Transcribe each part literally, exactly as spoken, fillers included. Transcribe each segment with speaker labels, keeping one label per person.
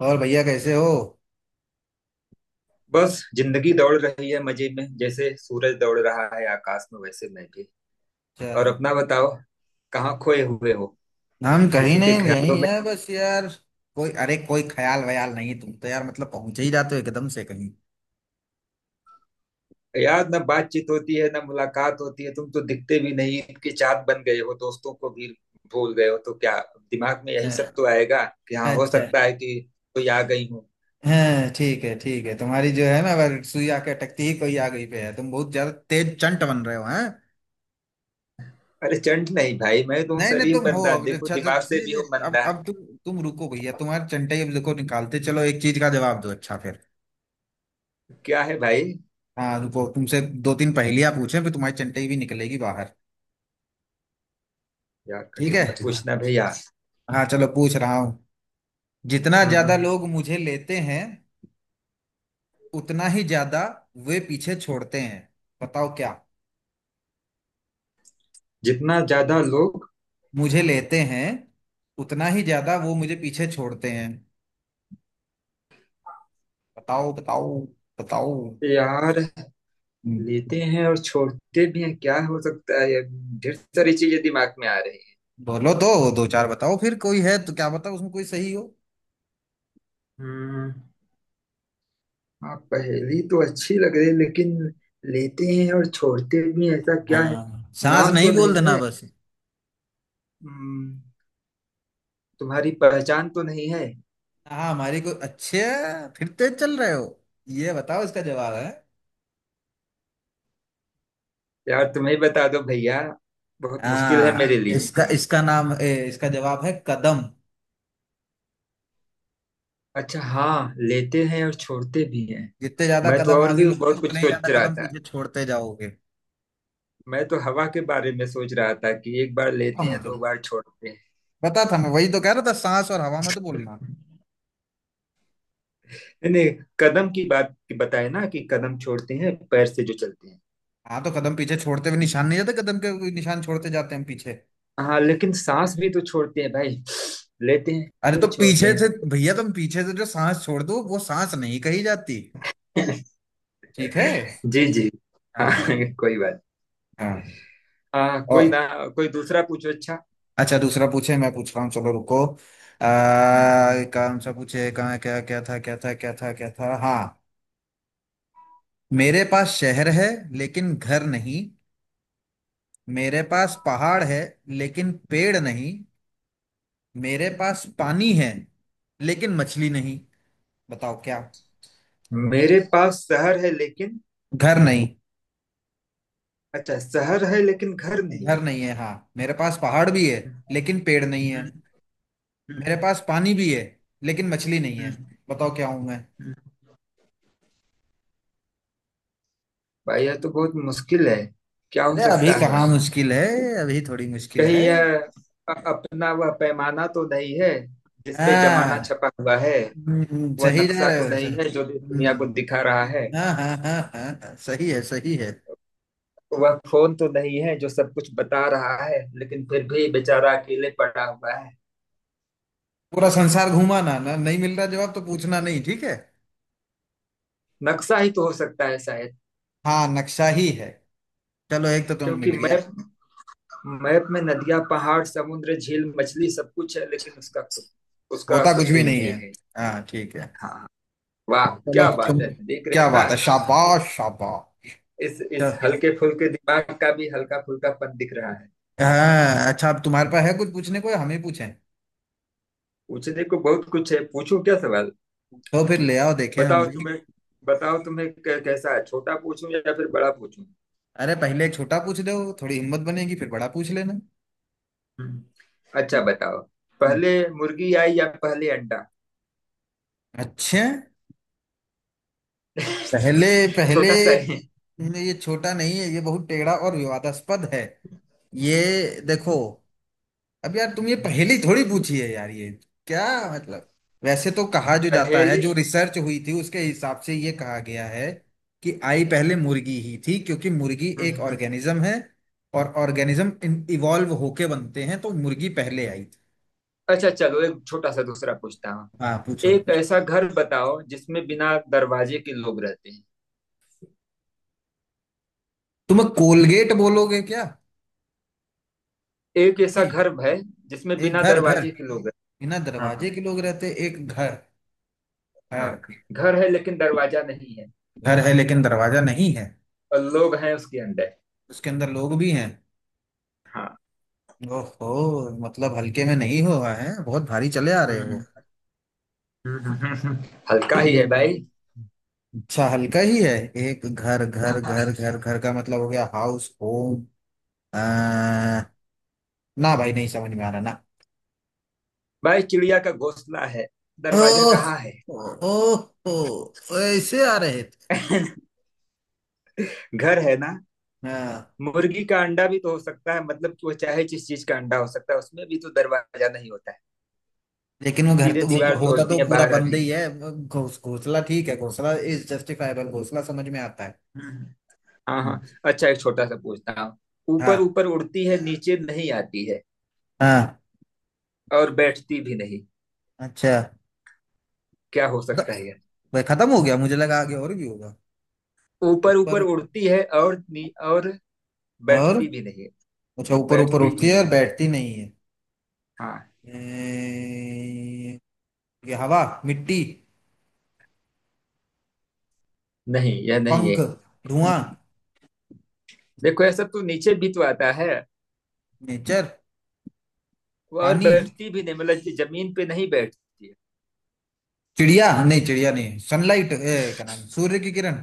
Speaker 1: और भैया कैसे हो।
Speaker 2: बस जिंदगी दौड़ रही है मजे में, जैसे सूरज दौड़ रहा है आकाश में वैसे मैं भी।
Speaker 1: अच्छा।
Speaker 2: और अपना बताओ, कहाँ खोए हुए हो?
Speaker 1: हम कहीं
Speaker 2: किसी के
Speaker 1: नहीं यहीं
Speaker 2: ख्यालों में?
Speaker 1: है बस यार। कोई अरे कोई ख्याल वयाल नहीं। तुम तो यार मतलब पहुंच ही जाते हो एकदम से कहीं।
Speaker 2: यार, ना बातचीत होती है ना मुलाकात होती है, तुम तो दिखते भी नहीं, ईद की चाहत बन गए हो, दोस्तों को भी भूल गए हो तो क्या। दिमाग में यही
Speaker 1: हाँ,
Speaker 2: सब तो आएगा कि हाँ हो
Speaker 1: अच्छा।
Speaker 2: सकता है कि कोई आ गई हूँ।
Speaker 1: हाँ ठीक है ठीक है। तुम्हारी जो है ना अगर सुई आके अटकती ही कोई आ गई पे है। तुम बहुत ज्यादा तेज चंट बन रहे हो हैं।
Speaker 2: अरे चंट नहीं भाई, मैं तो हूँ
Speaker 1: नहीं नहीं
Speaker 2: शरीफ
Speaker 1: तुम हो।
Speaker 2: बंदा,
Speaker 1: अब
Speaker 2: देखो
Speaker 1: अच्छा
Speaker 2: दिमाग
Speaker 1: जब
Speaker 2: से
Speaker 1: नहीं
Speaker 2: भी
Speaker 1: नहीं
Speaker 2: हो
Speaker 1: अब
Speaker 2: मंदा।
Speaker 1: अब तुम तुम रुको भैया। तुम्हारे चंटे अब देखो निकालते चलो। एक चीज का जवाब दो अच्छा फिर।
Speaker 2: क्या है भाई?
Speaker 1: हाँ रुको। तुमसे दो तीन पहेलियां पूछे फिर तुम्हारी चंटे भी निकलेगी बाहर।
Speaker 2: यार
Speaker 1: ठीक है।
Speaker 2: कठिन मत पूछना भैया।
Speaker 1: हाँ चलो पूछ रहा हूँ। जितना
Speaker 2: हम्म
Speaker 1: ज्यादा
Speaker 2: हम्म।
Speaker 1: लोग मुझे लेते हैं उतना ही ज्यादा वे पीछे छोड़ते हैं। बताओ क्या।
Speaker 2: जितना ज्यादा लोग।
Speaker 1: मुझे लेते हैं उतना ही ज्यादा वो मुझे पीछे छोड़ते हैं। बताओ बताओ बताओ।
Speaker 2: यार, लेते
Speaker 1: हम्म।
Speaker 2: हैं और छोड़ते भी हैं, क्या हो सकता है ये? ढेर सारी चीजें दिमाग में आ रही हैं।
Speaker 1: बोलो तो दो चार बताओ फिर कोई है तो क्या बताओ उसमें कोई सही हो।
Speaker 2: हम्म। हाँ, पहेली तो अच्छी लग रही है, लेकिन लेते हैं और छोड़ते भी हैं, ऐसा क्या है?
Speaker 1: हाँ सांस
Speaker 2: नाम तो
Speaker 1: नहीं बोल
Speaker 2: नहीं
Speaker 1: देना
Speaker 2: है?
Speaker 1: बस।
Speaker 2: हम्म, तुम्हारी पहचान तो नहीं है?
Speaker 1: हाँ हमारी कोई अच्छे फिर तेज चल रहे हो। ये बताओ इसका जवाब है।
Speaker 2: यार तुम्हें ही बता दो भैया, बहुत मुश्किल है
Speaker 1: हाँ
Speaker 2: मेरे लिए।
Speaker 1: इसका इसका नाम ए, इसका जवाब है कदम।
Speaker 2: अच्छा, हाँ, लेते हैं और छोड़ते भी हैं।
Speaker 1: जितने ज्यादा
Speaker 2: मैं तो
Speaker 1: कदम
Speaker 2: और
Speaker 1: आगे
Speaker 2: भी
Speaker 1: लोगे
Speaker 2: बहुत कुछ
Speaker 1: उतने ही ज्यादा
Speaker 2: सोच रहा
Speaker 1: कदम
Speaker 2: था,
Speaker 1: पीछे छोड़ते जाओगे।
Speaker 2: मैं तो हवा के बारे में सोच रहा था कि एक बार
Speaker 1: हाँ,
Speaker 2: लेते हैं
Speaker 1: मुझे
Speaker 2: दो बार छोड़ते
Speaker 1: पता था। मैं वही तो कह रहा था सांस और हवा में तो बोलना।
Speaker 2: हैं। नहीं नहीं, कदम की बात बताए ना कि कदम छोड़ते हैं पैर से जो चलते हैं।
Speaker 1: हाँ तो कदम पीछे छोड़ते हुए निशान नहीं जाते। कदम के कोई निशान छोड़ते जाते हैं हम पीछे।
Speaker 2: हाँ लेकिन सांस भी तो छोड़ते हैं भाई, लेते हैं
Speaker 1: अरे
Speaker 2: फिर
Speaker 1: तो
Speaker 2: छोड़ते
Speaker 1: पीछे से
Speaker 2: हैं।
Speaker 1: भैया तुम पीछे से जो सांस छोड़ दो वो सांस नहीं कही जाती। ठीक है।
Speaker 2: जी जी। हाँ
Speaker 1: हाँ।
Speaker 2: कोई बात।
Speaker 1: हाँ।
Speaker 2: हाँ कोई
Speaker 1: और
Speaker 2: ना। कोई दूसरा पूछो। अच्छा।
Speaker 1: अच्छा दूसरा पूछे। मैं पूछ रहा हूँ चलो रुको। आ,
Speaker 2: हम्म।
Speaker 1: कौन सा पूछे कहाँ क्या क्या था क्या था क्या था क्या था हाँ। मेरे पास शहर है लेकिन घर नहीं। मेरे पास पहाड़ है लेकिन पेड़ नहीं। मेरे पास पानी है लेकिन मछली नहीं। बताओ क्या।
Speaker 2: मेरे पास शहर है, लेकिन।
Speaker 1: घर नहीं।
Speaker 2: अच्छा, शहर है लेकिन घर नहीं
Speaker 1: घर
Speaker 2: है।
Speaker 1: नहीं है हाँ। मेरे पास पहाड़ भी है लेकिन पेड़ नहीं है।
Speaker 2: हम्म।
Speaker 1: मेरे
Speaker 2: हम्म।
Speaker 1: पास पानी भी है लेकिन मछली नहीं है।
Speaker 2: हम्म।
Speaker 1: बताओ क्या हूं मैं।
Speaker 2: हम्म। भाई यह तो बहुत मुश्किल है, क्या हो
Speaker 1: अरे अभी
Speaker 2: सकता है?
Speaker 1: कहाँ मुश्किल है। अभी थोड़ी मुश्किल
Speaker 2: कहीं
Speaker 1: है।
Speaker 2: यह अ- अपना वह पैमाना तो नहीं है जिसपे जमाना
Speaker 1: हाँ।
Speaker 2: छपा हुआ है?
Speaker 1: हम्म,
Speaker 2: वह
Speaker 1: सही जा
Speaker 2: नक्शा तो
Speaker 1: रहे हो
Speaker 2: नहीं
Speaker 1: सर।
Speaker 2: है जो भी दुनिया को
Speaker 1: हम्म,
Speaker 2: दिखा रहा है?
Speaker 1: हाँ हाँ हाँ हाँ हाँ, सही है सही है।
Speaker 2: वह फोन तो नहीं है जो सब कुछ बता रहा है लेकिन फिर भी बेचारा अकेले पड़ा हुआ है?
Speaker 1: पूरा संसार घूमाना ना नहीं मिल रहा जवाब तो पूछना नहीं ठीक है।
Speaker 2: नक्शा ही तो हो सकता है शायद।
Speaker 1: हाँ नक्शा ही है। चलो एक तो तुम्हें
Speaker 2: क्योंकि
Speaker 1: मिल गया।
Speaker 2: मैप मैप में नदियां पहाड़ समुद्र झील मछली सब कुछ है, लेकिन उसका कु- उसका
Speaker 1: होता कुछ
Speaker 2: कुछ
Speaker 1: भी
Speaker 2: भी
Speaker 1: नहीं
Speaker 2: नहीं
Speaker 1: है।
Speaker 2: है।
Speaker 1: हाँ ठीक है।
Speaker 2: हाँ। वाह
Speaker 1: चलो
Speaker 2: क्या
Speaker 1: तुम
Speaker 2: बात है, देख
Speaker 1: क्या
Speaker 2: रहे
Speaker 1: बात है
Speaker 2: है।
Speaker 1: शाबाश शाबाश।
Speaker 2: इस इस
Speaker 1: चल,
Speaker 2: हल्के फुल्के दिमाग का भी हल्का फुल्कापन दिख रहा है।
Speaker 1: हाँ अच्छा अब तुम्हारे पास है कुछ पूछने को या हमें पूछें।
Speaker 2: पूछने को बहुत कुछ है, पूछूं क्या सवाल।
Speaker 1: तो फिर ले आओ देखें हम
Speaker 2: बताओ
Speaker 1: भी।
Speaker 2: तुम्हें, बताओ तुम्हें कै- कैसा है, छोटा पूछूं या फिर बड़ा पूछूं?
Speaker 1: अरे पहले एक छोटा पूछ दो। थोड़ी हिम्मत बनेगी फिर बड़ा पूछ लेना।
Speaker 2: हम्म। अच्छा बताओ,
Speaker 1: हम्म।
Speaker 2: पहले मुर्गी आई या पहले अंडा?
Speaker 1: अच्छा। पहले पहले
Speaker 2: छोटा सा है।
Speaker 1: ये छोटा नहीं है ये बहुत टेढ़ा और विवादास्पद है। ये देखो। अब यार तुम ये पहेली थोड़ी पूछी है यार ये क्या मतलब। वैसे तो कहा जो जाता है
Speaker 2: पहले।
Speaker 1: जो रिसर्च हुई थी उसके हिसाब से ये कहा गया है कि आई पहले मुर्गी ही थी क्योंकि मुर्गी एक ऑर्गेनिज्म है और ऑर्गेनिज्म इवॉल्व होके बनते हैं तो मुर्गी पहले आई थी।
Speaker 2: अच्छा चलो एक छोटा सा दूसरा पूछता हूँ।
Speaker 1: हाँ पूछो।
Speaker 2: एक ऐसा घर बताओ जिसमें बिना दरवाजे के लोग रहते हैं।
Speaker 1: तुम कोलगेट बोलोगे क्या।
Speaker 2: एक ऐसा
Speaker 1: नहीं।
Speaker 2: घर है जिसमें
Speaker 1: एक
Speaker 2: बिना
Speaker 1: घर घर
Speaker 2: दरवाजे के लोग रहते
Speaker 1: बिना
Speaker 2: हैं। हाँ
Speaker 1: दरवाजे
Speaker 2: हाँ
Speaker 1: के लोग रहते एक घर।
Speaker 2: हाँ।
Speaker 1: घर।
Speaker 2: घर है लेकिन दरवाजा नहीं है,
Speaker 1: घर है लेकिन दरवाजा नहीं है।
Speaker 2: और लोग हैं उसके अंदर।
Speaker 1: उसके अंदर लोग भी हैं।
Speaker 2: हाँ।
Speaker 1: ओहो मतलब हल्के में नहीं हुआ है बहुत भारी चले आ रहे हो।
Speaker 2: हम्म। हम्म। हम्म। हम्म। हल्का ही है भाई।
Speaker 1: हम्म। अच्छा हल्का ही है। एक घर घर घर घर घर का मतलब हो गया हाउस होम। आ, ना भाई नहीं समझ में आ रहा ना।
Speaker 2: भाई चिड़िया का घोंसला है, दरवाजा
Speaker 1: ओह।
Speaker 2: कहाँ है?
Speaker 1: ओह। ओह, ऐसे आ रहे थे।
Speaker 2: घर है ना।
Speaker 1: हाँ
Speaker 2: मुर्गी का अंडा भी तो हो सकता है, मतलब कि वो चाहे जिस चीज का अंडा हो सकता है उसमें भी तो दरवाजा नहीं होता है,
Speaker 1: लेकिन वो घर
Speaker 2: सीधे
Speaker 1: तो वो सीधे
Speaker 2: दीवार
Speaker 1: होता
Speaker 2: तोड़ती
Speaker 1: तो
Speaker 2: है
Speaker 1: पूरा
Speaker 2: बाहर
Speaker 1: बंद
Speaker 2: आती
Speaker 1: ही है। घोस घोंसला ठीक है। घोंसला इज जस्टिफाइबल। घोंसला समझ में आता है।
Speaker 2: है। हम्म। हाँ
Speaker 1: हम्म,
Speaker 2: हाँ, अच्छा एक छोटा सा पूछता हूँ। ऊपर
Speaker 1: हाँ
Speaker 2: ऊपर उड़ती है, नीचे नहीं आती है,
Speaker 1: हाँ
Speaker 2: और बैठती भी नहीं,
Speaker 1: अच्छा।
Speaker 2: क्या हो
Speaker 1: तो-
Speaker 2: सकता है ये?
Speaker 1: वही खत्म हो गया मुझे लगा आगे और भी होगा।
Speaker 2: ऊपर ऊपर
Speaker 1: ऊपर।
Speaker 2: उड़ती है और नी, और
Speaker 1: और
Speaker 2: बैठती भी नहीं,
Speaker 1: अच्छा ऊपर ऊपर
Speaker 2: बैठती
Speaker 1: उड़ती
Speaker 2: भी
Speaker 1: है और
Speaker 2: नहीं।
Speaker 1: बैठती नहीं है।
Speaker 2: हाँ।
Speaker 1: ए, ये हवा मिट्टी
Speaker 2: नहीं, यह नहीं है।
Speaker 1: पंख धुआं
Speaker 2: देखो यह सब तो नीचे भी तो आता है।
Speaker 1: नेचर
Speaker 2: और
Speaker 1: पानी
Speaker 2: बैठती भी नहीं मतलब जो जमीन पे नहीं बैठती है।
Speaker 1: चिड़िया नहीं चिड़िया नहीं सनलाइट ए, क्या नाम सूर्य की किरण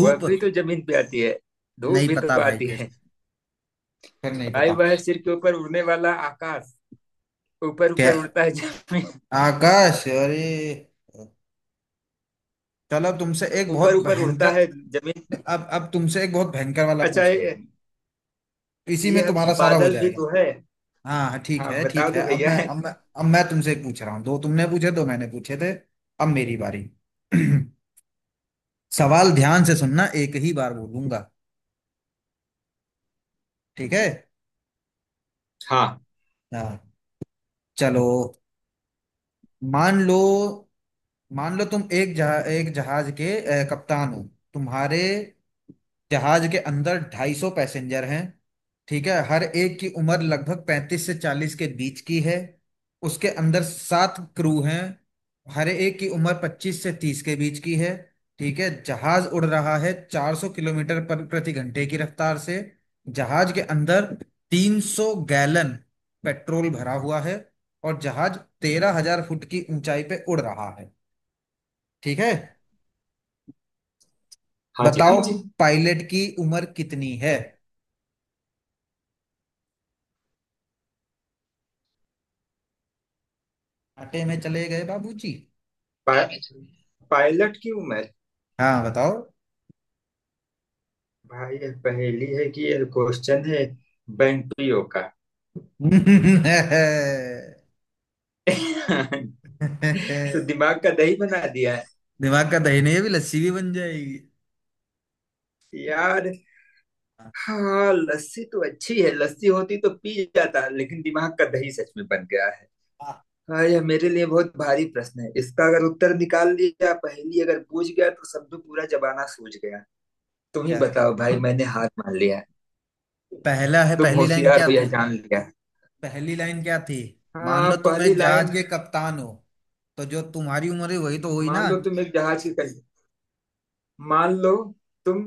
Speaker 2: वह भी तो जमीन पे आती है, धूप
Speaker 1: नहीं
Speaker 2: भी
Speaker 1: पता
Speaker 2: तो
Speaker 1: भाई
Speaker 2: आती
Speaker 1: फिर।
Speaker 2: है।
Speaker 1: फिर नहीं
Speaker 2: भाई
Speaker 1: पता
Speaker 2: वह सिर के ऊपर उड़ने वाला आकाश, ऊपर
Speaker 1: क्या।
Speaker 2: ऊपर उड़ता है जमीन।
Speaker 1: आकाश अरे। चलो तुमसे एक
Speaker 2: ऊपर
Speaker 1: बहुत
Speaker 2: ऊपर उड़ता
Speaker 1: भयंकर।
Speaker 2: है जमीन
Speaker 1: अब अब तुमसे एक बहुत भयंकर वाला
Speaker 2: अच्छा
Speaker 1: पूछ लो।
Speaker 2: ये-
Speaker 1: इसी में
Speaker 2: यह
Speaker 1: तुम्हारा सारा हो
Speaker 2: बादल भी
Speaker 1: जाएगा।
Speaker 2: तो है।
Speaker 1: हाँ हाँ, ठीक
Speaker 2: हाँ
Speaker 1: है
Speaker 2: बता
Speaker 1: ठीक है।
Speaker 2: दो
Speaker 1: अब
Speaker 2: भैया
Speaker 1: मैं
Speaker 2: है।
Speaker 1: अब मैं अब मैं तुमसे एक पूछ रहा हूँ। दो तुमने पूछे दो मैंने पूछे थे। अब मेरी बारी। सवाल ध्यान से सुनना एक ही बार बोलूंगा। ठीक है।
Speaker 2: हाँ।
Speaker 1: हाँ चलो। मान लो मान लो तुम एक जहा, एक जहाज के अ, कप्तान हो। तुम्हारे जहाज के अंदर ढाई सौ पैसेंजर हैं। ठीक है। हर एक की उम्र लगभग पैंतीस से चालीस के बीच की है। उसके अंदर सात क्रू हैं। हर एक की उम्र पच्चीस से तीस के बीच की है। ठीक है। जहाज उड़ रहा है चार सौ किलोमीटर पर प्रति घंटे की रफ्तार से। जहाज के अंदर तीन सौ गैलन पेट्रोल भरा हुआ है। और जहाज तेरह हज़ार फुट की ऊंचाई पे उड़ रहा है। ठीक है। हाँ
Speaker 2: हाँ जी।
Speaker 1: बताओ जी पायलट की उम्र कितनी है। आटे में चले गए बाबूजी।
Speaker 2: पा, पायलट की उम्र।
Speaker 1: हाँ बताओ।
Speaker 2: भाई यह पहेली है कि यह क्वेश्चन है बैंटियो का? तो दिमाग का दही बना दिया है।
Speaker 1: दिमाग का दही नहीं है, अभी लस्सी भी बन जाएगी।
Speaker 2: यार, हाँ लस्सी तो अच्छी है, लस्सी होती तो पी जाता, लेकिन दिमाग का दही सच में बन गया है।
Speaker 1: हाँ,
Speaker 2: हाँ यह मेरे लिए बहुत भारी प्रश्न है, इसका अगर उत्तर निकाल लिया, पहेली अगर पूछ गया तो समझो पूरा जमाना सूझ गया। तुम ही
Speaker 1: यार
Speaker 2: बताओ भाई, मैंने हार मान लिया।
Speaker 1: पहला है
Speaker 2: तुम
Speaker 1: पहली लाइन
Speaker 2: होशियार
Speaker 1: क्या
Speaker 2: हो यह
Speaker 1: थी।
Speaker 2: जान लिया।
Speaker 1: पहली लाइन क्या थी। मान
Speaker 2: हाँ
Speaker 1: लो तुम
Speaker 2: पहली
Speaker 1: एक जहाज
Speaker 2: लाइन।
Speaker 1: के कप्तान हो। तो जो तुम्हारी उम्र है वही तो हुई ना।
Speaker 2: मान लो तुम एक जहाज के कं- मान लो तुम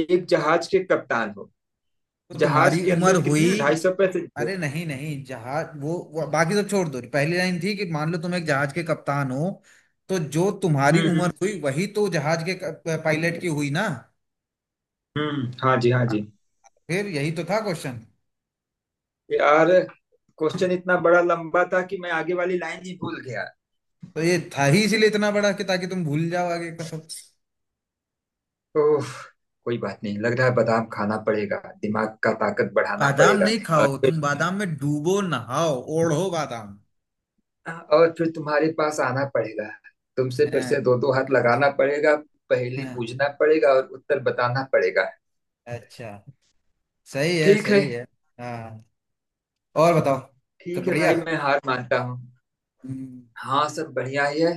Speaker 2: एक जहाज के कप्तान हो।
Speaker 1: तो
Speaker 2: जहाज
Speaker 1: तुम्हारी
Speaker 2: के
Speaker 1: उम्र
Speaker 2: अंदर
Speaker 1: हुई।
Speaker 2: कितने, ढाई सौ पैसेंजर।
Speaker 1: अरे नहीं नहीं जहाज वो, वो बाकी तो छोड़ दो। पहली लाइन थी कि मान लो तुम एक जहाज के कप्तान हो। तो जो
Speaker 2: हम्म
Speaker 1: तुम्हारी
Speaker 2: हम्म।
Speaker 1: उम्र हुई वही तो जहाज के क- पायलट की हुई ना।
Speaker 2: हम्म। हाँ जी हाँ जी।
Speaker 1: फिर यही तो था क्वेश्चन।
Speaker 2: यार क्वेश्चन इतना बड़ा लंबा था कि मैं आगे वाली लाइन ही भूल गया।
Speaker 1: तो ये था ही इसीलिए इतना बड़ा कि ताकि तुम भूल जाओ आगे का सब।
Speaker 2: ओह, कोई बात नहीं, लग रहा है बादाम खाना पड़ेगा, दिमाग का ताकत बढ़ाना
Speaker 1: बादाम
Speaker 2: पड़ेगा।
Speaker 1: नहीं
Speaker 2: और
Speaker 1: खाओ
Speaker 2: फिर,
Speaker 1: तुम बादाम में डूबो नहाओ ओढ़ो बादाम।
Speaker 2: और फिर तुम्हारे पास आना पड़ेगा, तुमसे फिर
Speaker 1: हाँ,
Speaker 2: से दो दो हाथ लगाना पड़ेगा, पहेली
Speaker 1: हाँ,
Speaker 2: बूझना पड़ेगा और उत्तर बताना पड़ेगा।
Speaker 1: अच्छा सही है
Speaker 2: ठीक है।
Speaker 1: सही है। हाँ और बताओ। तो
Speaker 2: ठीक है
Speaker 1: बढ़िया।
Speaker 2: भाई, मैं हार मानता हूँ।
Speaker 1: हम्म।
Speaker 2: हाँ सब बढ़िया ही है।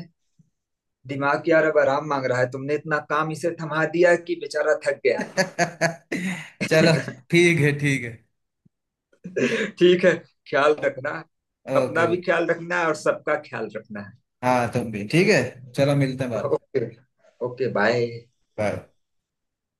Speaker 2: दिमाग यार अब आराम मांग रहा है, तुमने इतना काम इसे थमा दिया कि बेचारा थक गया
Speaker 1: चलो
Speaker 2: है।
Speaker 1: ठीक है ठीक है।
Speaker 2: ठीक है। ख्याल रखना,
Speaker 1: ओके।
Speaker 2: अपना भी
Speaker 1: ओके
Speaker 2: ख्याल रखना है और सबका ख्याल रखना
Speaker 1: हाँ तुम भी ठीक है। चलो मिलते हैं बाद
Speaker 2: है।
Speaker 1: में।
Speaker 2: ओके। Okay bye.
Speaker 1: बाय।